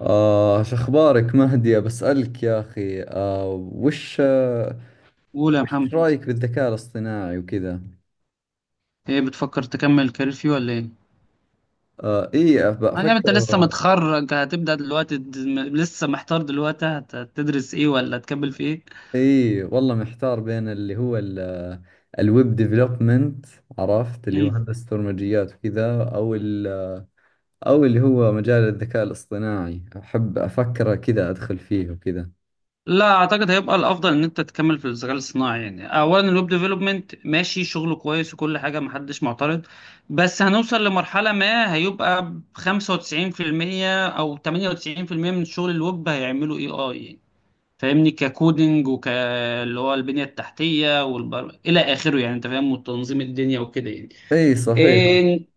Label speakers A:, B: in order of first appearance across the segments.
A: شو أخبارك مهدي؟ بسألك يا أخي. وش آه
B: قول يا
A: وش
B: محمد.
A: رأيك بالذكاء الاصطناعي وكذا؟
B: ايه بتفكر تكمل الكارير فيه ولا ايه؟
A: إيه
B: يعني
A: بفكر.
B: انت لسه متخرج هتبدأ دلوقتي لسه محتار دلوقتي هتدرس ايه ولا هتكمل في ايه؟
A: إيه والله محتار بين الويب ديفلوبمنت، عرفت، اللي هو
B: مم.
A: هندسة برمجيات وكذا، أو اللي هو مجال الذكاء الاصطناعي. أحب أفكر كذا أدخل فيه وكذا.
B: لا اعتقد هيبقى الافضل ان انت تكمل في الذكاء الاصطناعي. يعني اولا الويب ديفلوبمنت ماشي، شغله كويس وكل حاجه محدش معترض. بس هنوصل لمرحله ما هيبقى 95% او 98% من شغل الويب هيعملوا اي اي. فاهمني، ككودنج وك اللي هو البنية التحتية إلى آخره. يعني أنت فاهم، وتنظيم الدنيا وكده
A: إيه صحيح.
B: يعني.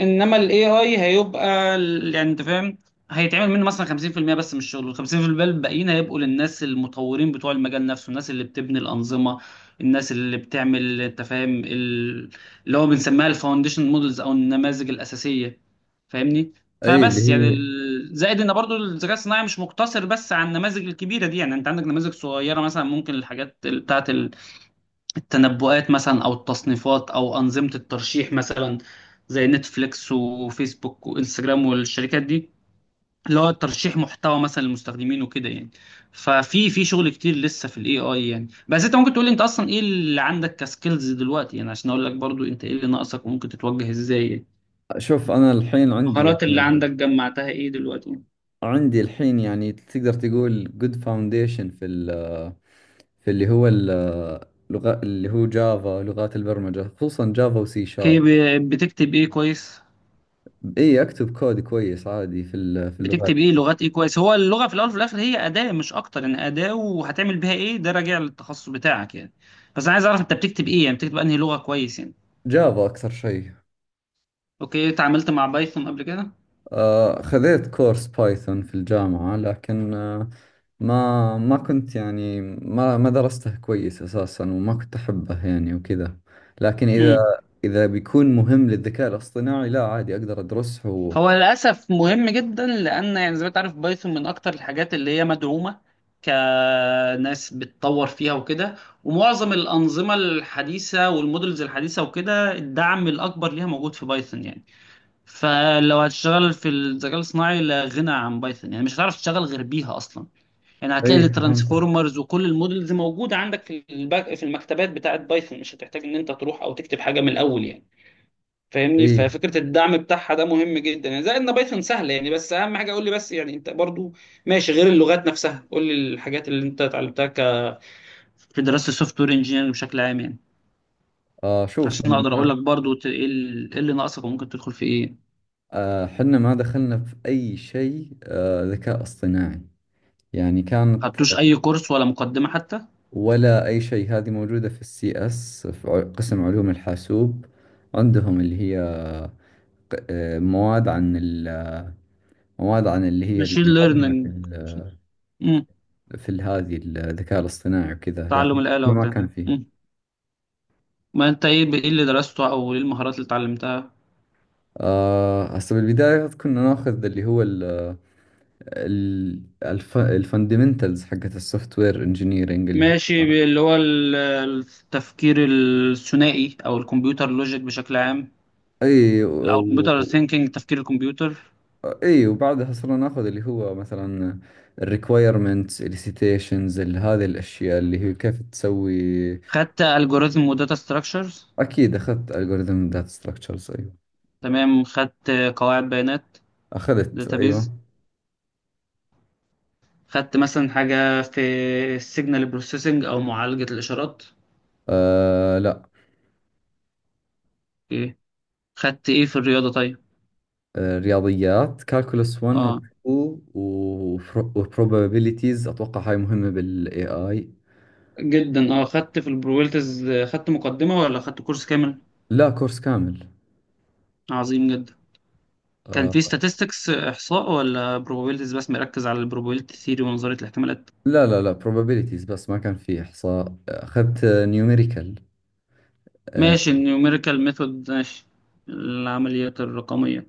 B: انما الاي اي هيبقى يعني انت فاهم، هيتعمل منه مثلا 50% بس من الشغل، وال 50% الباقيين هيبقوا للناس المطورين بتوع المجال نفسه، الناس اللي بتبني الانظمه، الناس اللي بتعمل انت فاهم اللي هو بنسميها الفاونديشن مودلز او النماذج الاساسيه. فاهمني.
A: إيه اللي
B: فبس يعني
A: هي.
B: زائد ان برضو الذكاء الصناعي مش مقتصر بس على النماذج الكبيره دي. يعني انت عندك نماذج صغيره مثلا، ممكن الحاجات بتاعه التنبؤات مثلا او التصنيفات او انظمه الترشيح مثلا، زي نتفليكس وفيسبوك وانستجرام والشركات دي، اللي هو ترشيح محتوى مثلا للمستخدمين وكده يعني. ففي شغل كتير لسه في الاي اي يعني. بس انت ممكن تقول لي انت اصلا ايه اللي عندك كسكيلز دلوقتي، يعني عشان اقول لك برضو انت ايه اللي ناقصك وممكن تتوجه ازاي يعني.
A: شوف، أنا الحين عندي
B: المهارات اللي
A: يعني،
B: عندك جمعتها ايه دلوقتي؟
A: عندي الحين يعني تقدر تقول good foundation في في اللي هو اللغة، اللي هو جافا، لغات البرمجة خصوصا جافا وسي
B: اوكي.
A: شارب.
B: بتكتب ايه كويس؟
A: اي اكتب كود كويس عادي في اللغات.
B: بتكتب ايه، لغات ايه كويس؟ هو اللغه في الاول وفي الاخر هي اداه مش اكتر، يعني اداه، وهتعمل بيها ايه ده راجع للتخصص بتاعك يعني. بس انا عايز اعرف انت بتكتب ايه، يعني بتكتب انهي لغه كويس يعني.
A: جافا اكثر شيء.
B: اوكي، اتعاملت مع بايثون قبل كده؟
A: خذيت كورس بايثون في الجامعة، لكن آه، ما ما كنت يعني، ما درسته كويس أساسا وما كنت أحبه يعني وكذا. لكن
B: امم.
A: إذا بيكون مهم للذكاء الاصطناعي، لا عادي أقدر أدرسه
B: هو للاسف مهم جدا، لان يعني زي ما انت عارف بايثون من اكتر الحاجات اللي هي مدعومه كناس بتطور فيها وكده. ومعظم الانظمه الحديثه والمودلز الحديثه وكده الدعم الاكبر ليها موجود في بايثون يعني. فلو هتشتغل في الذكاء الصناعي لا غنى عن بايثون، يعني مش هتعرف تشتغل غير بيها اصلا. يعني هتلاقي
A: إيه فهمتك.
B: الترانسفورمرز وكل المودلز موجوده عندك في الباك، في المكتبات بتاعه بايثون، مش هتحتاج ان انت تروح او تكتب حاجه من الاول يعني. فاهمني.
A: ايه.
B: ففكره الدعم بتاعها ده مهم جدا، يعني زائد ان بايثون سهله يعني. بس اهم حاجه قول لي بس يعني انت برضو ماشي، غير اللغات نفسها قول لي الحاجات اللي انت اتعلمتها في دراسه السوفت وير انجينيرنج بشكل عام، يعني
A: آه شوف
B: عشان
A: حنا
B: اقدر اقول
A: ما
B: لك برضو إيه اللي ناقصك وممكن تدخل في ايه. ما
A: آه، حنا ما دخلنا في اي شيء ذكاء اصطناعي. يعني كانت،
B: خدتوش اي كورس ولا مقدمه حتى؟
A: ولا اي شيء. هذه موجودة في السي اس في، قسم علوم الحاسوب عندهم اللي هي، مواد مواد عن اللي هي
B: ماشين
A: المقدمة
B: ليرنينج. امم.
A: هذه الذكاء الاصطناعي وكذا،
B: تعلم
A: لكن
B: الآلة
A: إحنا ما
B: وبتاع.
A: كان فيه.
B: امم. ما انت ايه ايه اللي درسته او ايه المهارات اللي اتعلمتها؟
A: هسه بالبداية كنا ناخذ اللي هو الفاندمنتالز حقت السوفت وير انجينيرنج اللي هو.
B: ماشي. اللي هو التفكير الثنائي او الكمبيوتر لوجيك بشكل عام،
A: اي و...
B: او كمبيوتر
A: و-
B: ثينكينج، تفكير الكمبيوتر.
A: اي، وبعدها صرنا ناخذ اللي هو مثلا الريكوايرمنتس السيتيشنز، هذه الاشياء اللي هي كيف تسوي.
B: خدت الجوريزم وداتا ستراكشرز.
A: اكيد اخذت الجوريثم داتا ستراكشرز ايوه.
B: تمام، خدت قواعد بيانات،
A: اخذت
B: داتابيز.
A: ايوه.
B: خدت مثلا حاجة في السيجنال بروسيسنج او معالجة الاشارات؟
A: آه لا.
B: اوكي. خدت ايه في الرياضة طيب؟
A: آه رياضيات، كالكولس 1 و 2،
B: اه
A: وبروبابيليتيز، اتوقع هاي مهمة بالاي اي.
B: جدا. اه خدت في البرويلتز، خدت مقدمة ولا خدت كورس كامل؟
A: لا كورس كامل.
B: عظيم جدا. كان
A: آه.
B: في statistics، إحصاء، ولا probabilities بس، مركز على البروبابيلتي ثيري ونظرية الاحتمالات؟
A: لا لا لا، probabilities بس، ما كان في إحصاء، أخذت نيوميريكال.
B: ماشي، النيوميريكال ميثود، ماشي، العمليات الرقمية.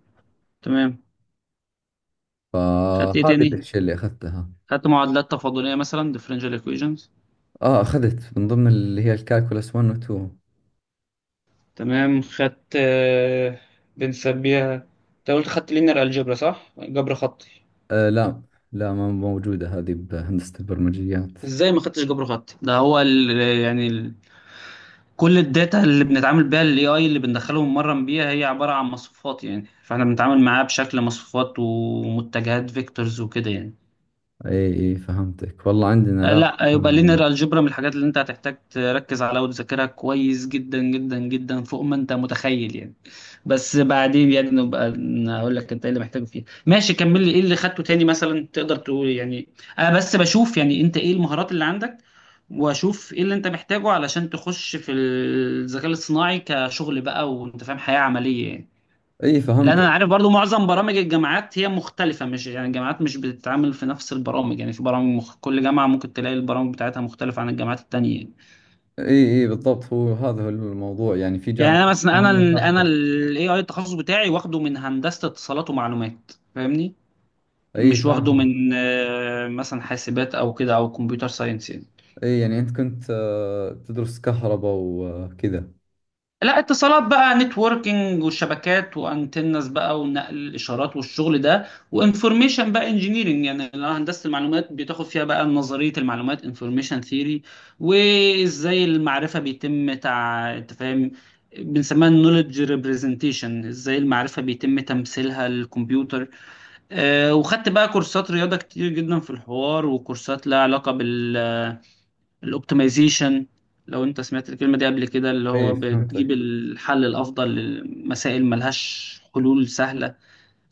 B: تمام. خدت ايه
A: فهذه
B: تاني؟
A: الأشياء اللي أخذتها.
B: خدت معادلات تفاضلية مثلا differential equations؟
A: أخذت من ضمن اللي هي الكالكولس 1 و 2.
B: تمام، خدت بنسميها، انت قلت خدت linear algebra صح، جبر خطي؟
A: آه لا. لا ما موجودة هذه بهندسة البرمجيات.
B: ازاي ما خدتش جبر خطي؟ ده هو يعني كل الداتا اللي بنتعامل بيها الاي اي، اللي بندخله ونمرن بيها، هي عبارة عن مصفوفات، يعني فاحنا بنتعامل معاه بشكل مصفوفات ومتجهات فيكتورز وكده يعني.
A: إي إي فهمتك، والله عندنا لا.
B: لا يبقى لينير الجبرا من الحاجات اللي انت هتحتاج تركز عليها وتذاكرها كويس جدا جدا جدا، فوق ما انت متخيل يعني. بس بعدين يعني نبقى اقول لك انت ايه اللي محتاجه فيها. ماشي، كمل لي ايه اللي خدته تاني مثلا تقدر تقول يعني. انا بس بشوف يعني انت ايه المهارات اللي عندك، واشوف ايه اللي انت محتاجه علشان تخش في الذكاء الاصطناعي كشغل بقى، وانت فاهم، حياة عملية يعني.
A: إي
B: لان انا
A: فهمتك.
B: عارف برضو معظم برامج الجامعات هي مختلفه، مش يعني الجامعات مش بتتعامل في نفس البرامج، يعني في برامج كل جامعه ممكن تلاقي البرامج بتاعتها مختلفه عن الجامعات التانية يعني.
A: إي إي بالضبط، هو هذا هو الموضوع يعني، في
B: يعني
A: جامعات
B: انا مثلا،
A: ثانية
B: انا
A: تاخذ.
B: الاي اي التخصص بتاعي واخده من هندسه اتصالات ومعلومات، فاهمني،
A: إي
B: مش واخده
A: فاهمك.
B: من مثلا حاسبات او كده او كمبيوتر ساينس يعني.
A: إي، يعني أنت كنت تدرس كهرباء وكذا؟
B: لا اتصالات بقى، نتوركينج وشبكات وانتنس بقى، ونقل الاشارات والشغل ده. وانفورميشن بقى انجينيرنج يعني، اللي هو هندسه المعلومات، بتاخد فيها بقى نظريه المعلومات، انفورميشن ثيوري، وازاي المعرفه بيتم انت فاهم، بنسميها النولج ريبريزنتيشن، ازاي المعرفه بيتم تمثيلها للكمبيوتر. وخدت بقى كورسات رياضه كتير جدا في الحوار، وكورسات لها علاقه بال الاوبتمايزيشن. لو انت سمعت الكلمة دي قبل كده، اللي
A: إي
B: هو بتجيب
A: فهمتك.
B: الحل الافضل لمسائل ملهاش حلول سهلة.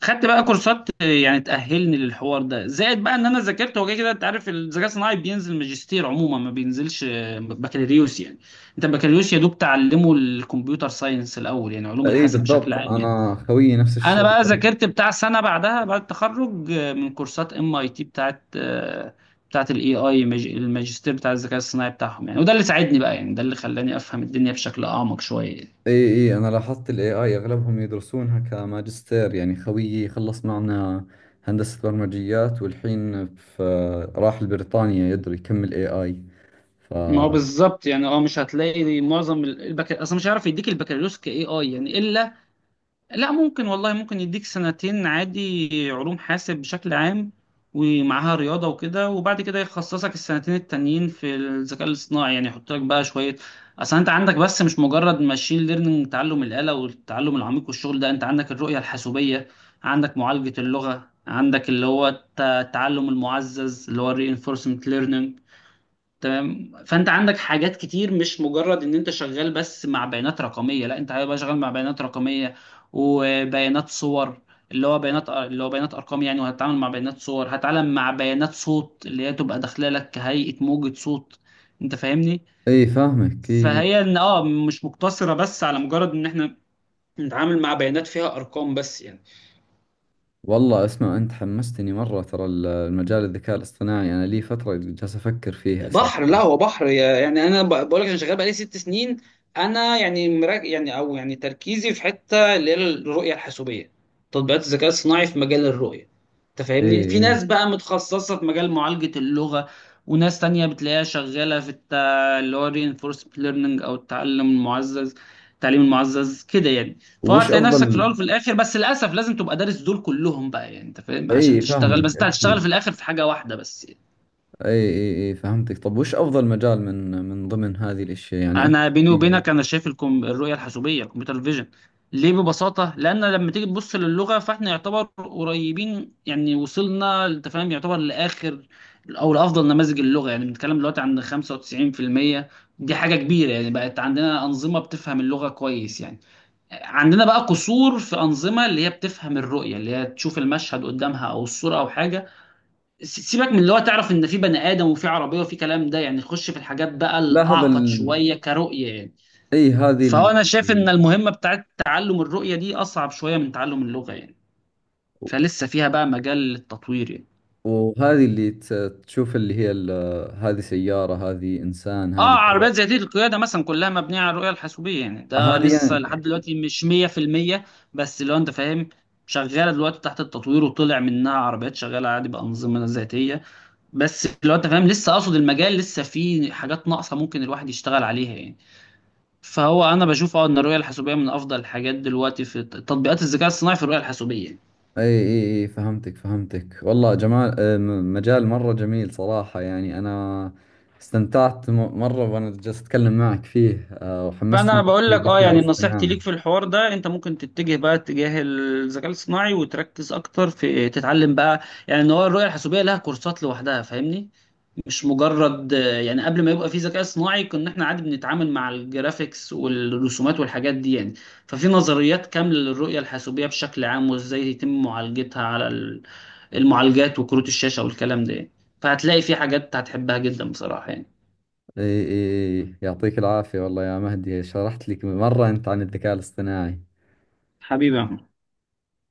B: خدت بقى كورسات يعني تأهلني للحوار ده، زائد بقى ان انا ذاكرت. هو كده كده انت عارف الذكاء الصناعي بينزل ماجستير عموما، ما بينزلش بكالوريوس يعني. انت البكالوريوس يا دوب تعلمه الكمبيوتر ساينس الاول يعني، علوم
A: إي
B: الحاسب بشكل
A: بالضبط،
B: عام يعني.
A: أنا خويي نفس
B: انا
A: الشيء.
B: بقى ذاكرت بتاع سنه بعدها، بعد التخرج، من كورسات ام اي تي بتاعت الاي اي، الماجستير بتاع الذكاء الصناعي بتاعهم يعني، وده اللي ساعدني بقى يعني، ده اللي خلاني افهم الدنيا بشكل اعمق شويه.
A: اي اي، انا لاحظت الاي اي اغلبهم يدرسونها كماجستير يعني. خويي خلص معنا هندسة برمجيات، والحين في، راح لبريطانيا يدري يكمل اي اي. ف،
B: ما هو بالظبط يعني. اه مش هتلاقي معظم اصلا مش هيعرف يديك البكالوريوس كاي اي يعني الا. لا، ممكن، والله ممكن يديك سنتين عادي علوم حاسب بشكل عام، ومعاها رياضة وكده، وبعد كده يخصصك السنتين التانيين في الذكاء الاصطناعي يعني، يحط لك بقى شوية. أصل أنت عندك بس مش مجرد ماشين ليرنينج، تعلم الآلة والتعلم العميق والشغل ده، أنت عندك الرؤية الحاسوبية، عندك معالجة اللغة، عندك اللي هو التعلم المعزز اللي هو الرينفورسمنت learning. تمام. فانت عندك حاجات كتير، مش مجرد ان انت شغال بس مع بيانات رقميه. لا، انت هيبقى شغال مع بيانات رقميه وبيانات صور، اللي هو بيانات، اللي هو بيانات ارقام يعني، وهتتعامل مع بيانات صور، هتتعامل مع بيانات صوت اللي هي تبقى داخله لك كهيئه موجه صوت، انت فاهمني.
A: اي فاهمك. اي.
B: فهي ان مش مقتصره بس على مجرد ان احنا نتعامل مع بيانات فيها ارقام بس يعني.
A: والله اسمع، انت حمستني مرة ترى المجال الذكاء الاصطناعي، انا لي فترة جالس افكر فيه اساسا.
B: بحر، لا هو بحر يعني. انا بقول لك، انا شغال بقالي ست سنين. انا يعني مراك يعني، او يعني تركيزي في حته اللي هي الرؤيه الحاسوبيه، تطبيقات الذكاء الصناعي في مجال الرؤيه، انت
A: اي
B: فاهمني. في
A: اي.
B: ناس بقى متخصصه في مجال معالجه اللغه، وناس تانية بتلاقيها شغاله في اللي هو reinforcement learning او التعلم المعزز، التعليم المعزز كده يعني.
A: وش
B: فهتلاقي نفسك في
A: افضل؟
B: الاول وفي الاخر، بس للاسف لازم تبقى دارس دول كلهم بقى يعني، انت فاهم، عشان
A: اي
B: تشتغل، بس
A: فاهمك
B: انت هتشتغل
A: اكيد.
B: في الاخر في حاجه واحده بس.
A: اي اي اي فهمتك. طب وش افضل مجال من من ضمن هذه الاشياء يعني،
B: انا
A: اكثر
B: بيني
A: شيء؟
B: وبينك انا شايف الرؤيه الحاسوبيه، الكمبيوتر فيجن. ليه؟ ببساطه، لان لما تيجي تبص للغه فاحنا يعتبر قريبين يعني، وصلنا انت فاهم يعتبر لاخر او لافضل نماذج اللغه يعني، بنتكلم دلوقتي عن 95%، دي حاجه كبيره يعني، بقت عندنا انظمه بتفهم اللغه كويس يعني. عندنا بقى قصور في انظمه اللي هي بتفهم الرؤيه، اللي هي تشوف المشهد قدامها او الصوره او حاجه. سيبك من اللي هو تعرف ان في بني ادم وفي عربيه وفي كلام ده يعني، خش في الحاجات بقى
A: لا هذا
B: الاعقد
A: ال...
B: شويه كرؤيه يعني.
A: اي هذه
B: فهو انا
A: اللي
B: شايف ان المهمه بتاعت تعلم الرؤيه دي اصعب شويه من تعلم اللغه يعني، فلسه فيها بقى مجال للتطوير يعني.
A: وهذه اللي تشوف هذه سيارة، هذه إنسان،
B: اه
A: هذه كذا.
B: عربيات ذاتيه القياده مثلا كلها مبنيه على الرؤيه الحاسوبيه يعني، ده
A: هذه
B: لسه لحد
A: يعني.
B: دلوقتي مش 100%. بس لو انت فاهم، شغاله دلوقتي تحت التطوير، وطلع منها عربيات شغاله عادي بانظمه ذاتيه. بس لو انت فاهم لسه، اقصد المجال لسه فيه حاجات ناقصه ممكن الواحد يشتغل عليها يعني. فهو انا بشوف ان الرؤيه الحاسوبيه من افضل الحاجات دلوقتي في تطبيقات الذكاء الصناعي، في الرؤيه الحاسوبيه.
A: اي اي اي فهمتك فهمتك والله. جمال، مجال مرة جميل صراحة يعني. أنا استمتعت مرة وأنا جالس أتكلم معك فيه، وحمستني
B: فانا
A: أكثر
B: بقول لك
A: للذكاء
B: يعني نصيحتي
A: الاصطناعي.
B: ليك في الحوار ده، انت ممكن تتجه بقى اتجاه الذكاء الصناعي، وتركز اكتر في تتعلم بقى، يعني ان هو الرؤيه الحاسوبيه لها كورسات لوحدها، فاهمني. مش مجرد يعني قبل ما يبقى في ذكاء صناعي كنا احنا عادي بنتعامل مع الجرافيكس والرسومات والحاجات دي يعني. ففي نظريات كامله للرؤيه الحاسوبيه بشكل عام، وازاي يتم معالجتها على المعالجات وكروت الشاشه والكلام ده يعني. فهتلاقي في حاجات هتحبها جدا بصراحه يعني.
A: اي اي اي، يعطيك العافية والله يا مهدي، شرحت لك مرة أنت عن الذكاء الاصطناعي.
B: حبيبي يا محمد.